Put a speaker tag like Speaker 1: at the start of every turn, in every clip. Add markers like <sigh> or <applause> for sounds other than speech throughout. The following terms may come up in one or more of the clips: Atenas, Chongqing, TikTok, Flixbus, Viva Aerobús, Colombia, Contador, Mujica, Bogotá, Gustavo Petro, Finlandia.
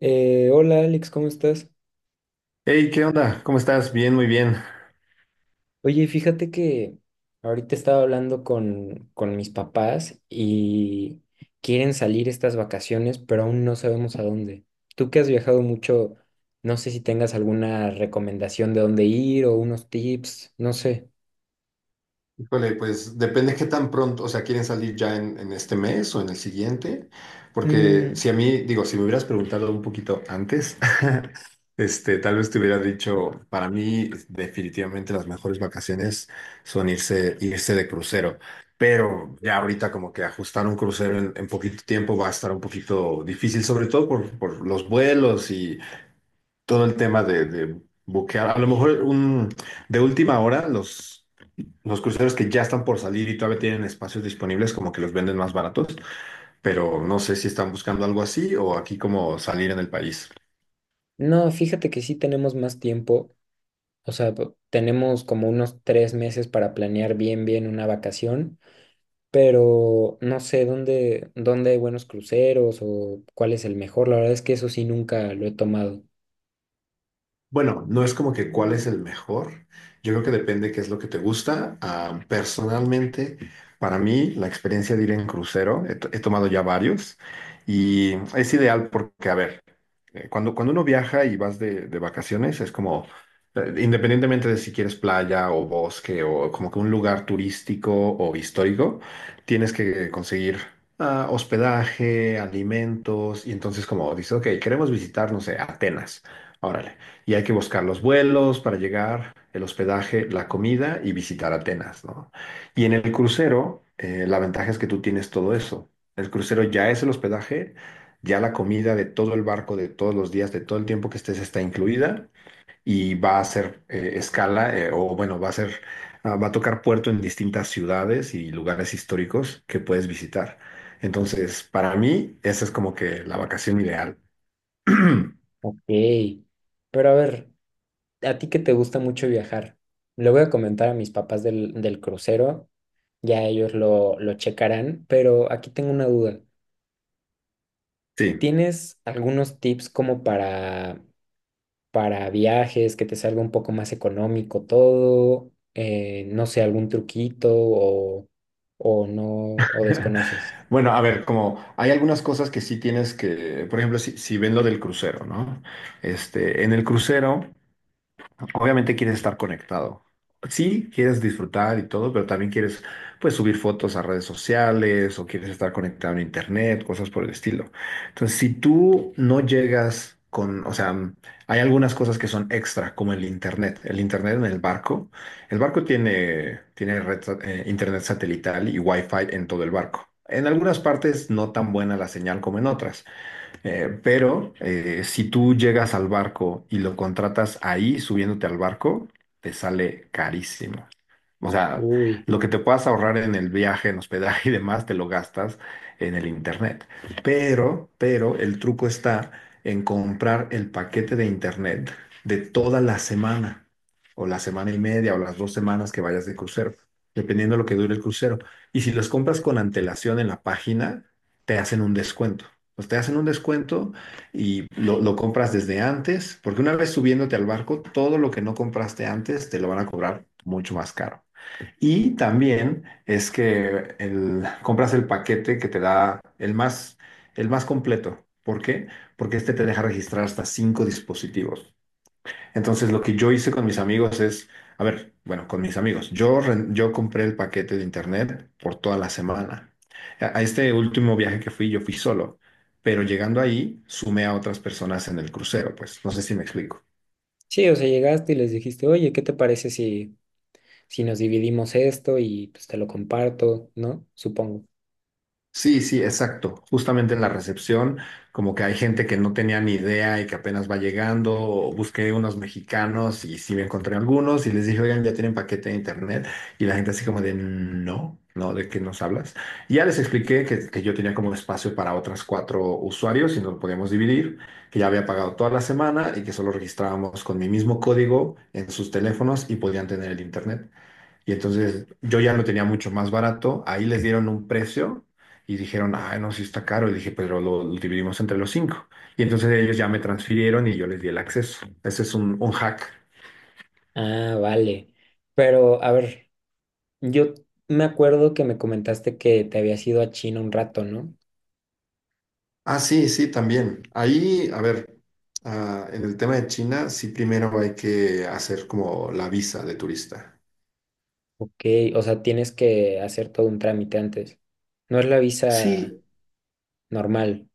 Speaker 1: Hola Alex, ¿cómo estás?
Speaker 2: Hey, ¿qué onda? ¿Cómo estás? Bien, muy bien.
Speaker 1: Oye, fíjate que ahorita estaba hablando con mis papás y quieren salir estas vacaciones, pero aún no sabemos a dónde. Tú que has viajado mucho, no sé si tengas alguna recomendación de dónde ir o unos tips, no sé.
Speaker 2: Híjole, pues depende qué tan pronto, o sea, quieren salir ya en este mes o en el siguiente, porque
Speaker 1: Mm,
Speaker 2: si a mí, digo, si me hubieras preguntado un poquito antes, <laughs> tal vez te hubiera dicho, para mí definitivamente las mejores vacaciones son irse de crucero, pero ya ahorita como que ajustar un crucero en poquito tiempo va a estar un poquito difícil, sobre todo por los vuelos y todo el tema de buquear, a lo mejor de última hora. Los cruceros que ya están por salir y todavía tienen espacios disponibles, como que los venden más baratos, pero no sé si están buscando algo así o aquí como salir en el país.
Speaker 1: no, fíjate que sí tenemos más tiempo, o sea, tenemos como unos 3 meses para planear bien una vacación. Pero no sé dónde hay buenos cruceros o cuál es el mejor. La verdad es que eso sí nunca lo he tomado.
Speaker 2: Bueno, no es como que cuál es el mejor. Yo creo que depende qué es lo que te gusta. Ah, personalmente, para mí, la experiencia de ir en crucero, he tomado ya varios y es ideal porque, a ver, cuando uno viaja y vas de vacaciones, es como, independientemente de si quieres playa o bosque o como que un lugar turístico o histórico, tienes que conseguir hospedaje, alimentos, y entonces como dices, ok, queremos visitar, no sé, Atenas, órale, y hay que buscar los vuelos para llegar, el hospedaje, la comida y visitar Atenas, ¿no? Y en el crucero, la ventaja es que tú tienes todo eso. El crucero ya es el hospedaje, ya la comida de todo el barco, de todos los días, de todo el tiempo que estés, está incluida y va a ser escala, o bueno, va a ser, ah, va a tocar puerto en distintas ciudades y lugares históricos que puedes visitar. Entonces, para mí, esa es como que la vacación ideal. <clears throat>
Speaker 1: Ok, pero a ver, a ti que te gusta mucho viajar, le voy a comentar a mis papás del crucero, ya ellos lo checarán, pero aquí tengo una duda.
Speaker 2: Sí.
Speaker 1: ¿Tienes algunos tips como para viajes, que te salga un poco más económico todo? No sé, algún truquito o no, o desconoces.
Speaker 2: <laughs> Bueno, a ver, como hay algunas cosas que sí tienes que, por ejemplo, si ven lo del crucero, ¿no? En el crucero obviamente quieres estar conectado. Sí, quieres disfrutar y todo, pero también quieres, pues, subir fotos a redes sociales o quieres estar conectado en internet, cosas por el estilo. Entonces, si tú no llegas con, o sea, hay algunas cosas que son extra, como el internet. El internet en el barco. El barco tiene internet satelital y wifi en todo el barco. En algunas partes no tan buena la señal como en otras. Pero si tú llegas al barco y lo contratas ahí subiéndote al barco, te sale carísimo. O sea,
Speaker 1: Uy.
Speaker 2: lo que te puedas ahorrar en el viaje, en hospedaje, <laughs> y demás, te lo gastas en el internet. Pero el truco está en comprar el paquete de internet de toda la semana, o la semana y media, o las 2 semanas que vayas de crucero, dependiendo de lo que dure el crucero. Y si los compras con antelación en la página, te hacen un descuento. Pues te hacen un descuento y lo compras desde antes, porque una vez subiéndote al barco, todo lo que no compraste antes te lo van a cobrar mucho más caro. Y también es que compras el paquete que te da el más completo. ¿Por qué? Porque este te deja registrar hasta 5 dispositivos. Entonces, lo que yo hice con mis amigos es, a ver, bueno, con mis amigos, yo, yo compré el paquete de internet por toda la semana. A este último viaje que fui, yo fui solo, pero llegando ahí, sumé a otras personas en el crucero, pues no sé si me explico.
Speaker 1: Sí, o sea, llegaste y les dijiste, oye, ¿qué te parece si, si nos dividimos esto y pues te lo comparto, ¿no? Supongo.
Speaker 2: Sí, sí, exacto. Justamente en la recepción, como que hay gente que no tenía ni idea y que apenas va llegando, o busqué unos mexicanos y sí me encontré algunos y les dije, oigan, ya tienen paquete de internet. Y la gente así como de, no, no, ¿de qué nos hablas? Y ya les expliqué que yo tenía como espacio para otras 4 usuarios y nos podíamos dividir, que ya había pagado toda la semana y que solo registrábamos con mi mismo código en sus teléfonos y podían tener el internet. Y entonces yo ya lo tenía mucho más barato. Ahí les dieron un precio y dijeron, ah, no, sí está caro. Y dije, pero lo dividimos entre los cinco. Y entonces ellos ya me transfirieron y yo les di el acceso. Ese es un hack.
Speaker 1: Ah, vale. Pero, a ver, yo me acuerdo que me comentaste que te habías ido a China un rato, ¿no?
Speaker 2: Ah, sí, sí, también. Ahí, a ver, ah, en el tema de China, sí, primero hay que hacer como la visa de turista.
Speaker 1: Ok, o sea, tienes que hacer todo un trámite antes. No es la visa
Speaker 2: Sí,
Speaker 1: normal.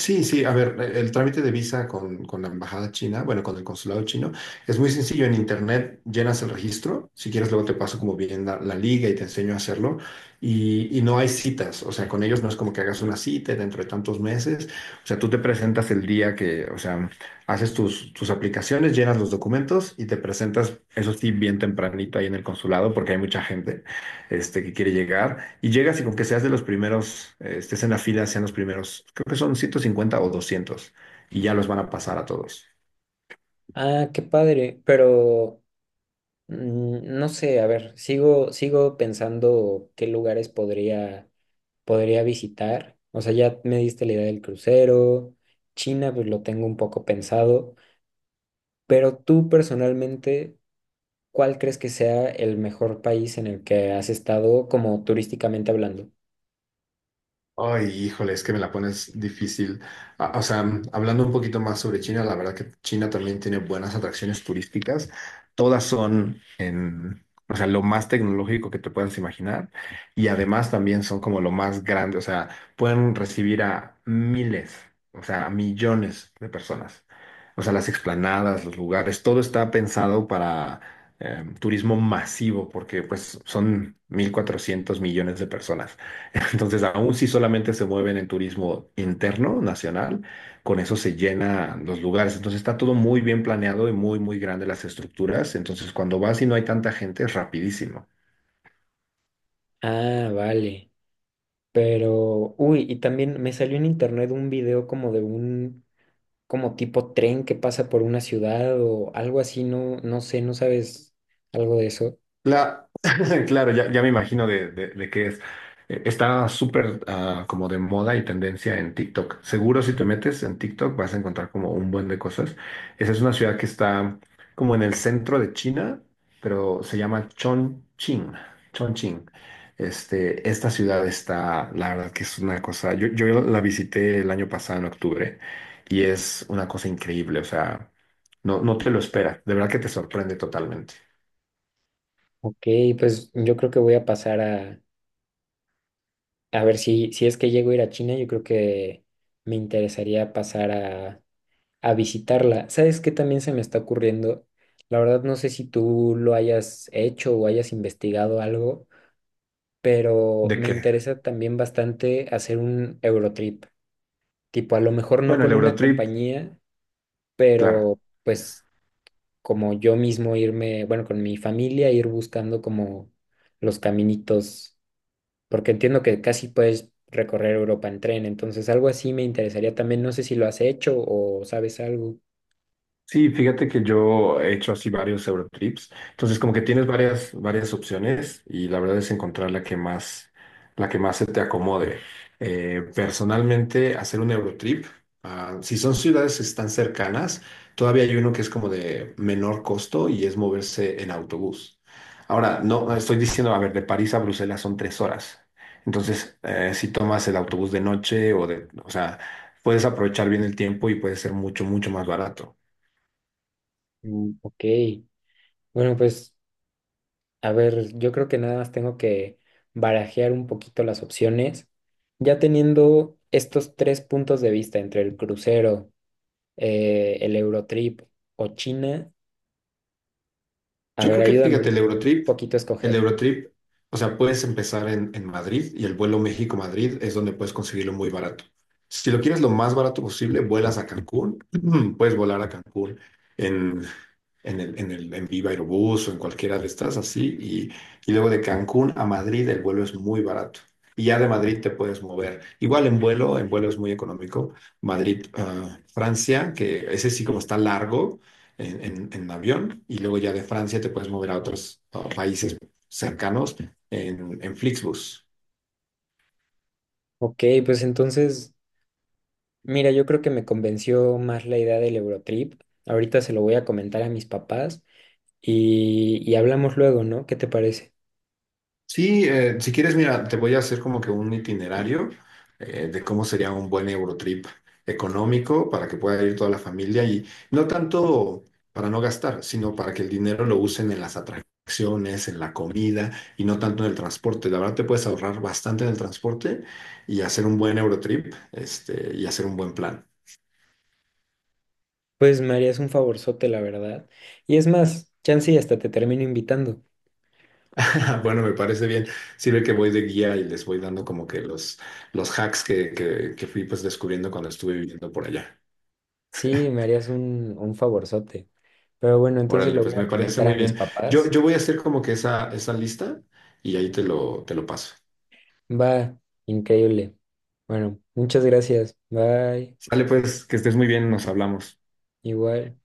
Speaker 2: sí, sí, a ver, el trámite de visa con la embajada china, bueno, con el consulado chino, es muy sencillo. En internet llenas el registro, si quieres luego te paso como bien la liga y te enseño a hacerlo. Y no hay citas, o sea, con ellos no es como que hagas una cita dentro de tantos meses. O sea, tú te presentas el día que, o sea, haces tus, aplicaciones, llenas los documentos y te presentas, eso sí, bien tempranito ahí en el consulado porque hay mucha gente que quiere llegar, y llegas y con que seas de los primeros, estés en la fila, sean los primeros, creo que son 150 o 200 y ya los van a pasar a todos.
Speaker 1: Ah, qué padre, pero mm, no sé, a ver, sigo pensando qué lugares podría visitar. O sea, ya me diste la idea del crucero. China, pues lo tengo un poco pensado, pero tú personalmente, ¿cuál crees que sea el mejor país en el que has estado como turísticamente hablando?
Speaker 2: Ay, híjole, es que me la pones difícil. Ah, o sea, hablando un poquito más sobre China, la verdad que China también tiene buenas atracciones turísticas. Todas son en, o sea, lo más tecnológico que te puedas imaginar. Y además también son como lo más grande. O sea, pueden recibir a miles, o sea, a millones de personas. O sea, las explanadas, los lugares, todo está pensado para turismo masivo, porque pues son 1.400 millones de personas. Entonces, aún si solamente se mueven en turismo interno, nacional, con eso se llenan los lugares. Entonces, está todo muy bien planeado y muy, muy grande las estructuras. Entonces, cuando vas y no hay tanta gente, es rapidísimo.
Speaker 1: Ah, vale. Pero, uy, y también me salió en internet un video como de un, como tipo tren que pasa por una ciudad o algo así, no, no sé, no sabes algo de eso.
Speaker 2: La- <laughs> claro, ya me imagino de qué es. Está súper, como de moda y tendencia en TikTok. Seguro si te metes en TikTok vas a encontrar como un buen de cosas. Esa es una ciudad que está como en el centro de China, pero se llama Chongqing. Chongqing. Esta ciudad está, la verdad que es una cosa, yo la visité el año pasado en octubre y es una cosa increíble, o sea, no, no te lo esperas, de verdad que te sorprende totalmente.
Speaker 1: Ok, pues yo creo que voy a pasar a ver, si, si es que llego a ir a China, yo creo que me interesaría pasar a visitarla. ¿Sabes qué también se me está ocurriendo? La verdad no sé si tú lo hayas hecho o hayas investigado algo, pero
Speaker 2: ¿De
Speaker 1: me
Speaker 2: qué?
Speaker 1: interesa también bastante hacer un Eurotrip. Tipo, a lo mejor no
Speaker 2: Bueno,
Speaker 1: con
Speaker 2: el
Speaker 1: una
Speaker 2: Eurotrip,
Speaker 1: compañía,
Speaker 2: claro.
Speaker 1: pero pues como yo mismo irme, bueno, con mi familia, ir buscando como los caminitos, porque entiendo que casi puedes recorrer Europa en tren, entonces algo así me interesaría también, no sé si lo has hecho o sabes algo.
Speaker 2: Sí, fíjate que yo he hecho así varios Eurotrips. Entonces, como que tienes varias, varias opciones y la verdad es encontrar la que más se te acomode. Personalmente, hacer un Eurotrip, si son ciudades tan cercanas, todavía hay uno que es como de menor costo y es moverse en autobús. Ahora, no, no estoy diciendo, a ver, de París a Bruselas son 3 horas. Entonces, si tomas el autobús de noche o de, o sea, puedes aprovechar bien el tiempo y puede ser mucho, mucho más barato.
Speaker 1: Mm, ok, bueno, pues a ver, yo creo que nada más tengo que barajear un poquito las opciones, ya teniendo estos 3 puntos de vista entre el crucero, el Eurotrip o China, a
Speaker 2: Yo
Speaker 1: ver,
Speaker 2: creo que,
Speaker 1: ayúdame
Speaker 2: fíjate, el
Speaker 1: un
Speaker 2: Eurotrip,
Speaker 1: poquito a
Speaker 2: el
Speaker 1: escoger.
Speaker 2: Eurotrip, o sea, puedes empezar en Madrid y el vuelo México-Madrid es donde puedes conseguirlo muy barato. Si lo quieres lo más barato posible, vuelas a Cancún, <clears throat> puedes volar a Cancún en en Viva Aerobús o en cualquiera de estas así. Y luego de Cancún a Madrid el vuelo es muy barato. Y ya de Madrid te puedes mover. Igual en vuelo es muy económico. Madrid, Francia, que ese sí como está largo en avión. Y luego ya de Francia te puedes mover a otros países cercanos en Flixbus.
Speaker 1: Ok, pues entonces... Mira, yo creo que me convenció más la idea del Eurotrip. Ahorita se lo voy a comentar a mis papás y hablamos luego, ¿no? ¿Qué te parece?
Speaker 2: Sí, si quieres, mira, te voy a hacer como que un itinerario, de cómo sería un buen Eurotrip económico para que pueda ir toda la familia y no tanto para no gastar, sino para que el dinero lo usen en las atracciones, en la comida y no tanto en el transporte. La verdad te puedes ahorrar bastante en el transporte y hacer un buen Eurotrip, y hacer un buen plan.
Speaker 1: Pues me harías un favorzote, la verdad. Y es más, chance y hasta te termino invitando.
Speaker 2: <laughs> Bueno, me parece bien. Sirve que voy de guía y les voy dando como que los hacks que fui pues descubriendo cuando estuve viviendo por allá.
Speaker 1: Sí, me harías un favorzote. Pero bueno, entonces
Speaker 2: Órale,
Speaker 1: lo voy
Speaker 2: pues
Speaker 1: a
Speaker 2: me parece
Speaker 1: comentar a
Speaker 2: muy
Speaker 1: mis
Speaker 2: bien. Yo,
Speaker 1: papás.
Speaker 2: yo voy a hacer como que esa lista y ahí te lo paso.
Speaker 1: Va, increíble. Bueno, muchas gracias. Bye.
Speaker 2: Sale pues, que estés muy bien, nos hablamos.
Speaker 1: Igual.